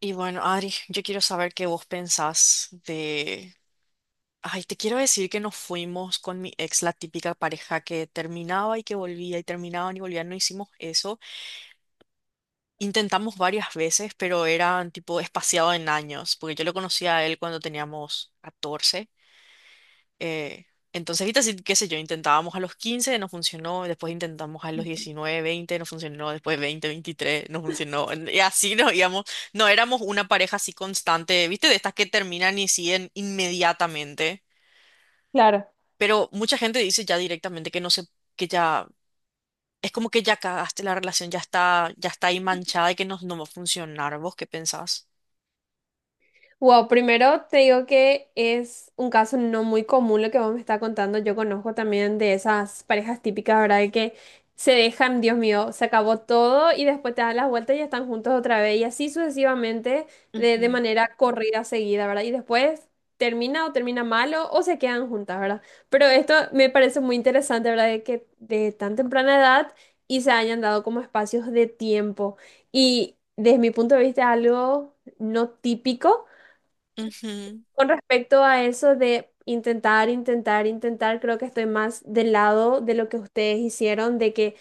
Y bueno, Adri, yo quiero saber qué vos pensás de... Ay, te quiero decir que nos fuimos con mi ex, la típica pareja que terminaba y que volvía y terminaban y volvían. No hicimos eso. Intentamos varias veces, pero eran tipo espaciado en años, porque yo lo conocí a él cuando teníamos 14 eh, entonces, ahorita sí, qué sé yo, intentábamos a los 15, no funcionó, después intentamos a los 19, 20, no funcionó, después 20, 23, no funcionó, y así nos íbamos, no éramos una pareja así constante, ¿viste? De estas que terminan y siguen inmediatamente, Claro. pero mucha gente dice ya directamente que no sé, que ya, es como que ya cagaste la relación, ya está ahí manchada y que no, no va a funcionar. ¿Vos qué pensás? Wow, primero te digo que es un caso no muy común lo que vos me estás contando. Yo conozco también de esas parejas típicas, ¿verdad? De que se dejan, Dios mío, se acabó todo y después te dan las vueltas y ya están juntos otra vez y así sucesivamente de Ujú, manera corrida, seguida, ¿verdad? Y después termina o termina malo o se quedan juntas, ¿verdad? Pero esto me parece muy interesante, ¿verdad? De que de tan temprana edad y se hayan dado como espacios de tiempo. Y desde mi punto de vista, algo no típico. ujú. Con respecto a eso de intentar, intentar, intentar, creo que estoy más del lado de lo que ustedes hicieron, de que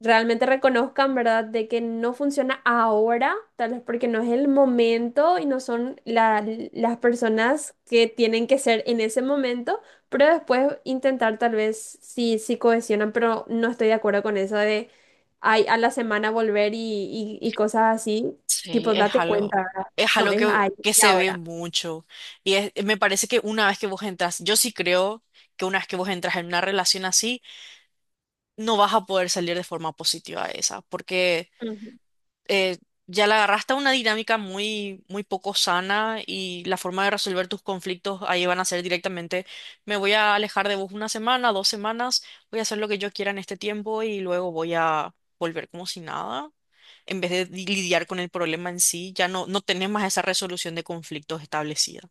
realmente reconozcan, ¿verdad? De que no funciona ahora, tal vez porque no es el momento y no son la- las personas que tienen que ser en ese momento, pero después intentar tal vez sí, sí cohesionan, pero no estoy de acuerdo con eso de ay, a la semana volver y cosas así, Sí, tipo, date cuenta, ¿verdad? es No, algo es ahí que y se ve ahora. mucho. Me parece que una vez que vos entras, yo sí creo que una vez que vos entras en una relación así, no vas a poder salir de forma positiva de esa, porque Ujú. eh, ya la agarraste a una dinámica muy, muy poco sana y la forma de resolver tus conflictos ahí van a ser directamente, me voy a alejar de vos una semana, dos semanas, voy a hacer lo que yo quiera en este tiempo y luego voy a volver como si nada, en vez de lidiar con el problema en sí, ya no, no tenés más esa resolución de conflictos establecida.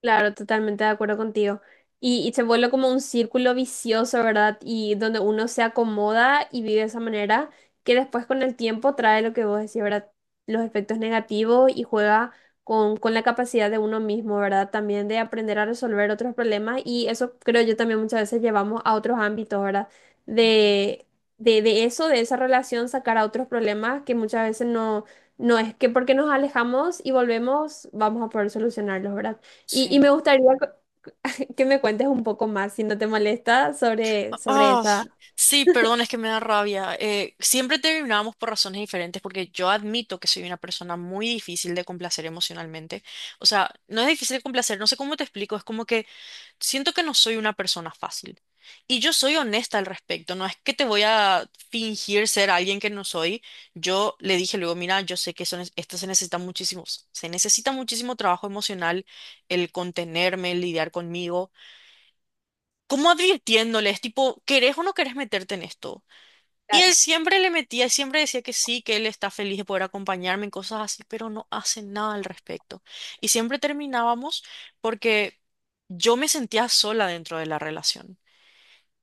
Claro, totalmente de acuerdo contigo. Y se vuelve como un círculo vicioso, ¿verdad? Y donde uno se acomoda y vive de esa manera, que después con el tiempo trae lo que vos decís, ¿verdad? Los efectos negativos y juega con la capacidad de uno mismo, ¿verdad? También de aprender a resolver otros problemas. Y eso creo yo también muchas veces llevamos a otros ámbitos, ¿verdad? De, de eso, de esa relación, sacar a otros problemas que muchas veces no, no es que porque nos alejamos y volvemos, vamos a poder solucionarlos, ¿verdad? Y Sí. me gustaría que me cuentes un poco más, si no te molesta, sobre, sobre Ah, esa. sí, perdón, es que me da rabia. Siempre terminábamos por razones diferentes porque yo admito que soy una persona muy difícil de complacer emocionalmente. O sea, no es difícil de complacer, no sé cómo te explico, es como que siento que no soy una persona fácil. Y yo soy honesta al respecto, no es que te voy a fingir ser alguien que no soy. Yo le dije luego, mira, yo sé que eso, esto se necesita muchísimo trabajo emocional, el contenerme, el lidiar conmigo. Como advirtiéndoles, tipo, ¿querés o no querés meterte en esto? Y él siempre le metía, siempre decía que sí, que él está feliz de poder acompañarme en cosas así, pero no hace nada al respecto. Y siempre terminábamos porque yo me sentía sola dentro de la relación.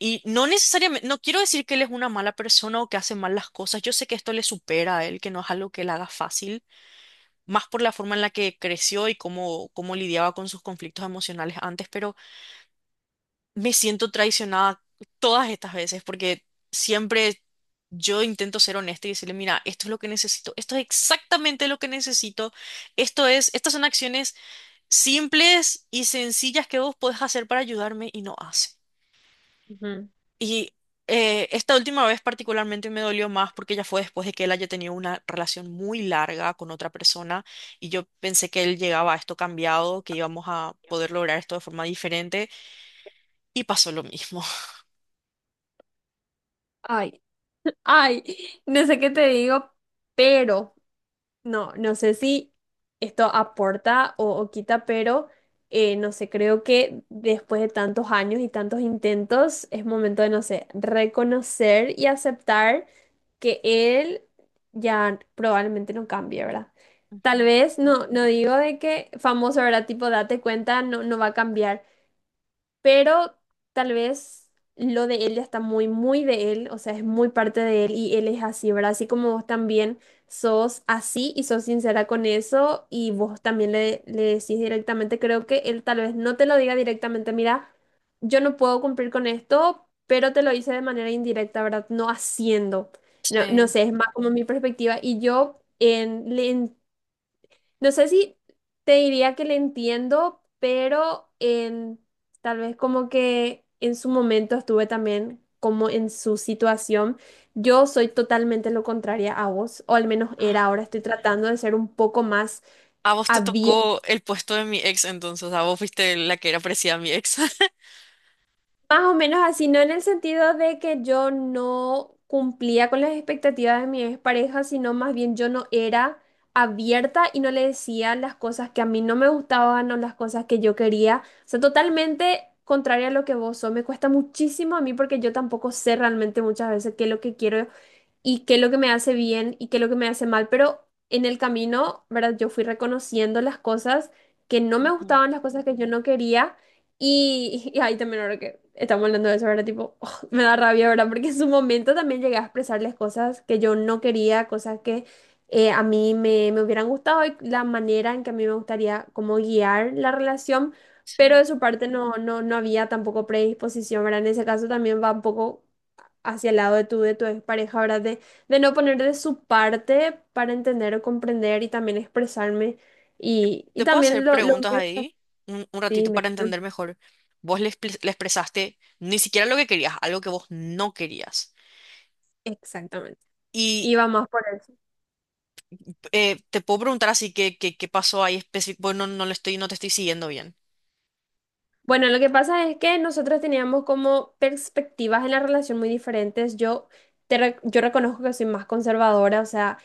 Y no necesariamente, no quiero decir que él es una mala persona o que hace mal las cosas. Yo sé que esto le supera a él, que no es algo que él haga fácil, más por la forma en la que creció y cómo, cómo lidiaba con sus conflictos emocionales antes, pero me siento traicionada todas estas veces porque siempre yo intento ser honesta y decirle, mira, esto es lo que necesito, esto es exactamente lo que necesito, esto es, estas son acciones simples y sencillas que vos podés hacer para ayudarme y no hace. Ujú. Y Esta última vez particularmente me dolió más porque ya fue después de que él haya tenido una relación muy larga con otra persona y yo pensé que él llegaba a esto cambiado, que íbamos a poder lograr esto de forma diferente y pasó lo mismo. Ay, ay, no sé qué te digo, pero no, no sé si esto aporta o quita, pero no sé, creo que después de tantos años y tantos intentos, es momento de, no sé, reconocer y aceptar que él ya probablemente no cambie, ¿verdad? Tal Ujú. vez, no, no digo de que famoso, ¿verdad? Tipo, date cuenta, no, no va a cambiar. Pero tal vez lo de él ya está muy, muy de él, o sea, es muy parte de él y él es así, ¿verdad? Así como vos también sos así y sos sincera con eso y vos también le decís directamente, creo que él tal vez no te lo diga directamente, mira, yo no puedo cumplir con esto, pero te lo hice de manera indirecta, ¿verdad? No haciendo. No, no Sí. sé, es más como mi perspectiva y yo en, le no sé si te diría que le entiendo, pero tal vez como que en su momento estuve también como en su situación. Yo soy totalmente lo contraria a vos, o al menos era, ahora estoy tratando de ser un poco más. A vos te tocó el puesto de mi ex, entonces, a vos fuiste la que era parecida a mi ex. Más o menos así, no en el sentido de que yo no cumplía con las expectativas de mi expareja, sino más bien yo no era abierta y no le decía las cosas que a mí no me gustaban o las cosas que yo quería. O sea, totalmente contraria a lo que vos sos. Me cuesta muchísimo a mí porque yo tampoco sé realmente muchas veces qué es lo que quiero y qué es lo que me hace bien y qué es lo que me hace mal, pero en el camino, ¿verdad? Yo fui reconociendo las cosas que no me Ujú, gustaban, las cosas que yo no quería y ahí también ahora que estamos hablando de eso, ¿verdad? Tipo, oh, me da rabia, ¿verdad? Porque en su momento también llegué a expresarles cosas que yo no quería, cosas que a mí me hubieran gustado y la manera en que a mí me gustaría como guiar la relación. Pero sí. de su parte no, no, no había tampoco predisposición, ¿verdad? En ese caso también va un poco hacia el lado de tu pareja, ¿verdad? De no poner de su parte para entender o comprender y también expresarme. Y ¿Te puedo también hacer lo preguntas mío es ahí un así, ratito para meterlo. entender mejor? Vos le, le expresaste ni siquiera lo que querías, algo que vos no querías. Exactamente. Y Y va más por eso. Te puedo preguntar así que, qué pasó ahí específico. Bueno, no, no le estoy, no te estoy siguiendo bien. Bueno, lo que pasa es que nosotros teníamos como perspectivas en la relación muy diferentes. Yo reconozco que soy más conservadora, o sea,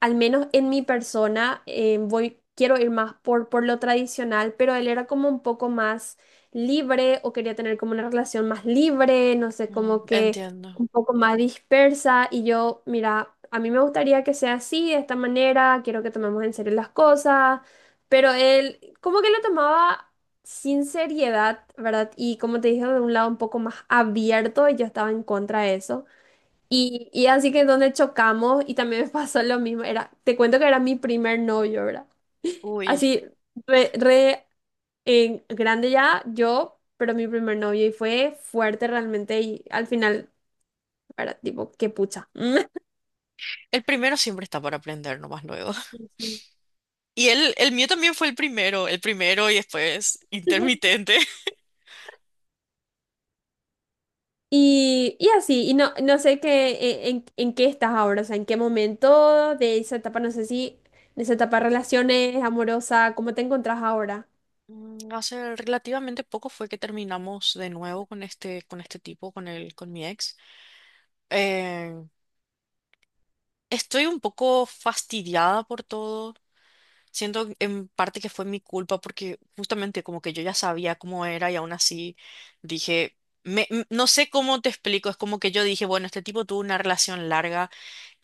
al menos en mi persona, quiero ir más por lo tradicional, pero él era como un poco más libre o quería tener como una relación más libre, no sé, Mm, como que entiendo. un poco más dispersa y yo, mira, a mí me gustaría que sea así, de esta manera, quiero que tomemos en serio las cosas, pero él como que lo tomaba sin seriedad, ¿verdad? Y como te dije, de un lado un poco más abierto y yo estaba en contra de eso. Y así que donde chocamos y también me pasó lo mismo, era, te cuento que era mi primer novio, ¿verdad? Uy, Así, re, re, grande ya, yo, pero mi primer novio y fue fuerte realmente y al final, era tipo, qué pucha. el primero siempre está para aprender nomás luego. Y el mío también fue el primero y después Ujú. intermitente. Y así, y no, no sé qué, en qué estás ahora, o sea, en qué momento de esa etapa, no sé si, de esa etapa de relaciones, amorosa, ¿cómo te encontrás ahora? Mm, hace relativamente poco fue que terminamos de nuevo con este tipo, con el, con mi ex. Eh, Estoy un poco fastidiada por todo. Siento en parte que fue mi culpa porque justamente como que yo ya sabía cómo era y aún así dije, no sé cómo te explico, es como que yo dije, bueno, este tipo tuvo una relación larga,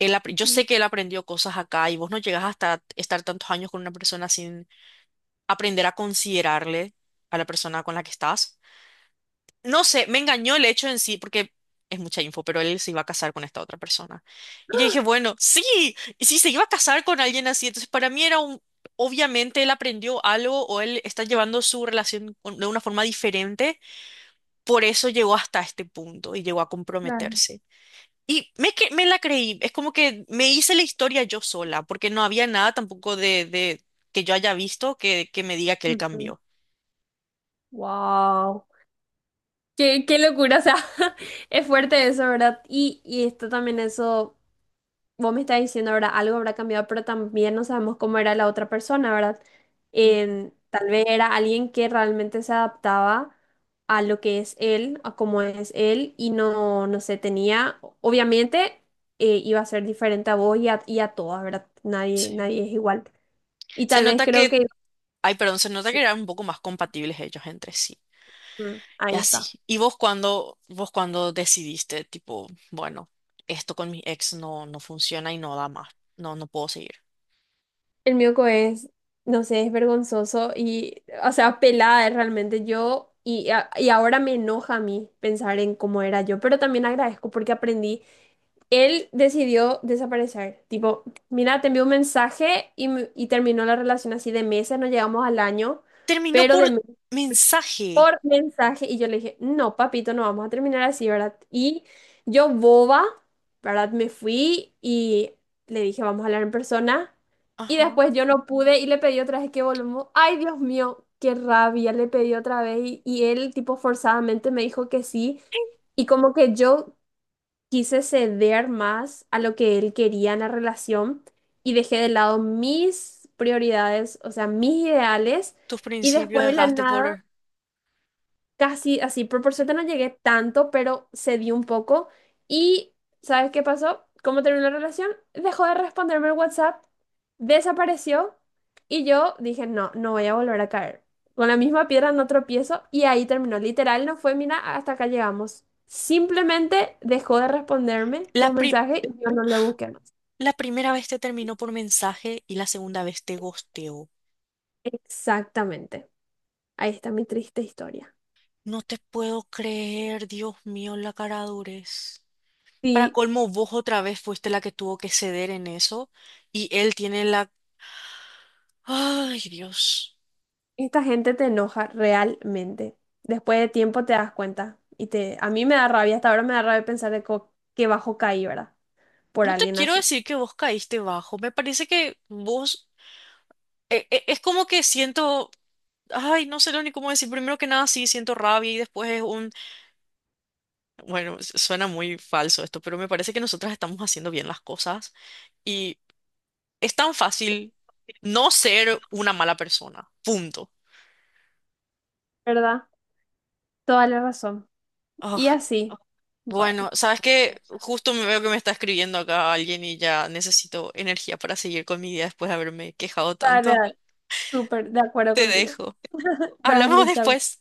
yo Ujú. sé que él aprendió cosas acá y vos no llegas hasta estar tantos años con una persona sin aprender a considerarle a la persona con la que estás. No sé, me engañó el hecho en sí, porque es mucha info, pero él se iba a casar con esta otra persona. Y yo dije, bueno, sí, y si se iba a casar con alguien así, entonces para mí era un, obviamente él aprendió algo o él está llevando su relación de una forma diferente, por eso llegó hasta este punto y llegó a Claro. comprometerse. Me la creí, es como que me hice la historia yo sola, porque no había nada tampoco de, de que yo haya visto que me diga que él cambió. Wow. Qué locura, o sea, es fuerte eso, ¿verdad? Y esto también, eso, vos me estás diciendo, ¿verdad? Algo habrá cambiado, pero también no sabemos cómo era la otra persona, ¿verdad? Ujú. En- tal vez era alguien que realmente se adaptaba a lo que es él, a cómo es él, y no, no sé, tenía, obviamente, iba a ser diferente a vos y a todas, ¿verdad? Nadie, Sí. nadie es igual. Y Se tal vez nota que creo que, Ay, perdón, se nota sí, que eran un poco más compatibles ellos entre sí. Y ahí está. así. ¿Y vos cuando decidiste, tipo, bueno, esto con mi ex no, no funciona y no da más. No, no puedo seguir. El mioco es, no sé, es vergonzoso y, o sea, pelada es realmente yo y ahora me enoja a mí pensar en cómo era yo, pero también agradezco porque aprendí. Él decidió desaparecer, tipo, mira, te envió un mensaje y terminó la relación así de meses, no llegamos al año, Terminó pero de por mensaje. por mensaje y yo le dije, no, papito, no vamos a terminar así, ¿verdad? Y yo boba, ¿verdad? Me fui y le dije, vamos a hablar en persona. Y Ajá. después yo no pude y le pedí otra vez que volvamos. Ay, Dios mío, qué rabia, le pedí otra vez y él tipo forzadamente me dijo que sí. Y como que yo quise ceder más a lo que él quería en la relación y dejé de lado mis prioridades, o sea, mis ideales. Tus Y principios después de la dejaste nada por... casi así, pero por suerte no llegué tanto, pero cedí un poco. Y, ¿sabes qué pasó? ¿Cómo terminó la relación? Dejó de responderme el WhatsApp, desapareció y yo dije, no, no voy a volver a caer. Con la misma piedra no tropiezo y ahí terminó. Literal, no fue, mira, hasta acá llegamos. Simplemente dejó de responderme La los pri- mensajes y yo no le busqué más. la primera vez te terminó por mensaje y la segunda vez te gosteó. Exactamente. Ahí está mi triste historia. No te puedo creer, Dios mío, la cara durez. Para Sí. colmo, vos otra vez fuiste la que tuvo que ceder en eso y él tiene la... Ay, Dios. Esta gente te enoja realmente. Después de tiempo te das cuenta. Y te, a mí me da rabia, hasta ahora me da rabia pensar qué bajo caí, ¿verdad? Por No te alguien quiero así. decir que vos caíste bajo. Me parece que vos... es como que siento... Ay, no sé lo ni cómo decir. Primero que nada, sí, siento rabia y después es un... Bueno, suena muy falso esto, pero me parece que nosotras estamos haciendo bien las cosas y es tan fácil no ser una mala persona. Punto. ¿Verdad? Toda la razón. Y Ah, así. bueno, Bueno, sabes que justo me veo que me está escribiendo acá alguien y ya necesito energía para seguir con mi día después de haberme quejado dale, tanto. dale. Súper de acuerdo Te contigo. dejo. Hablamos Dale, chao. después.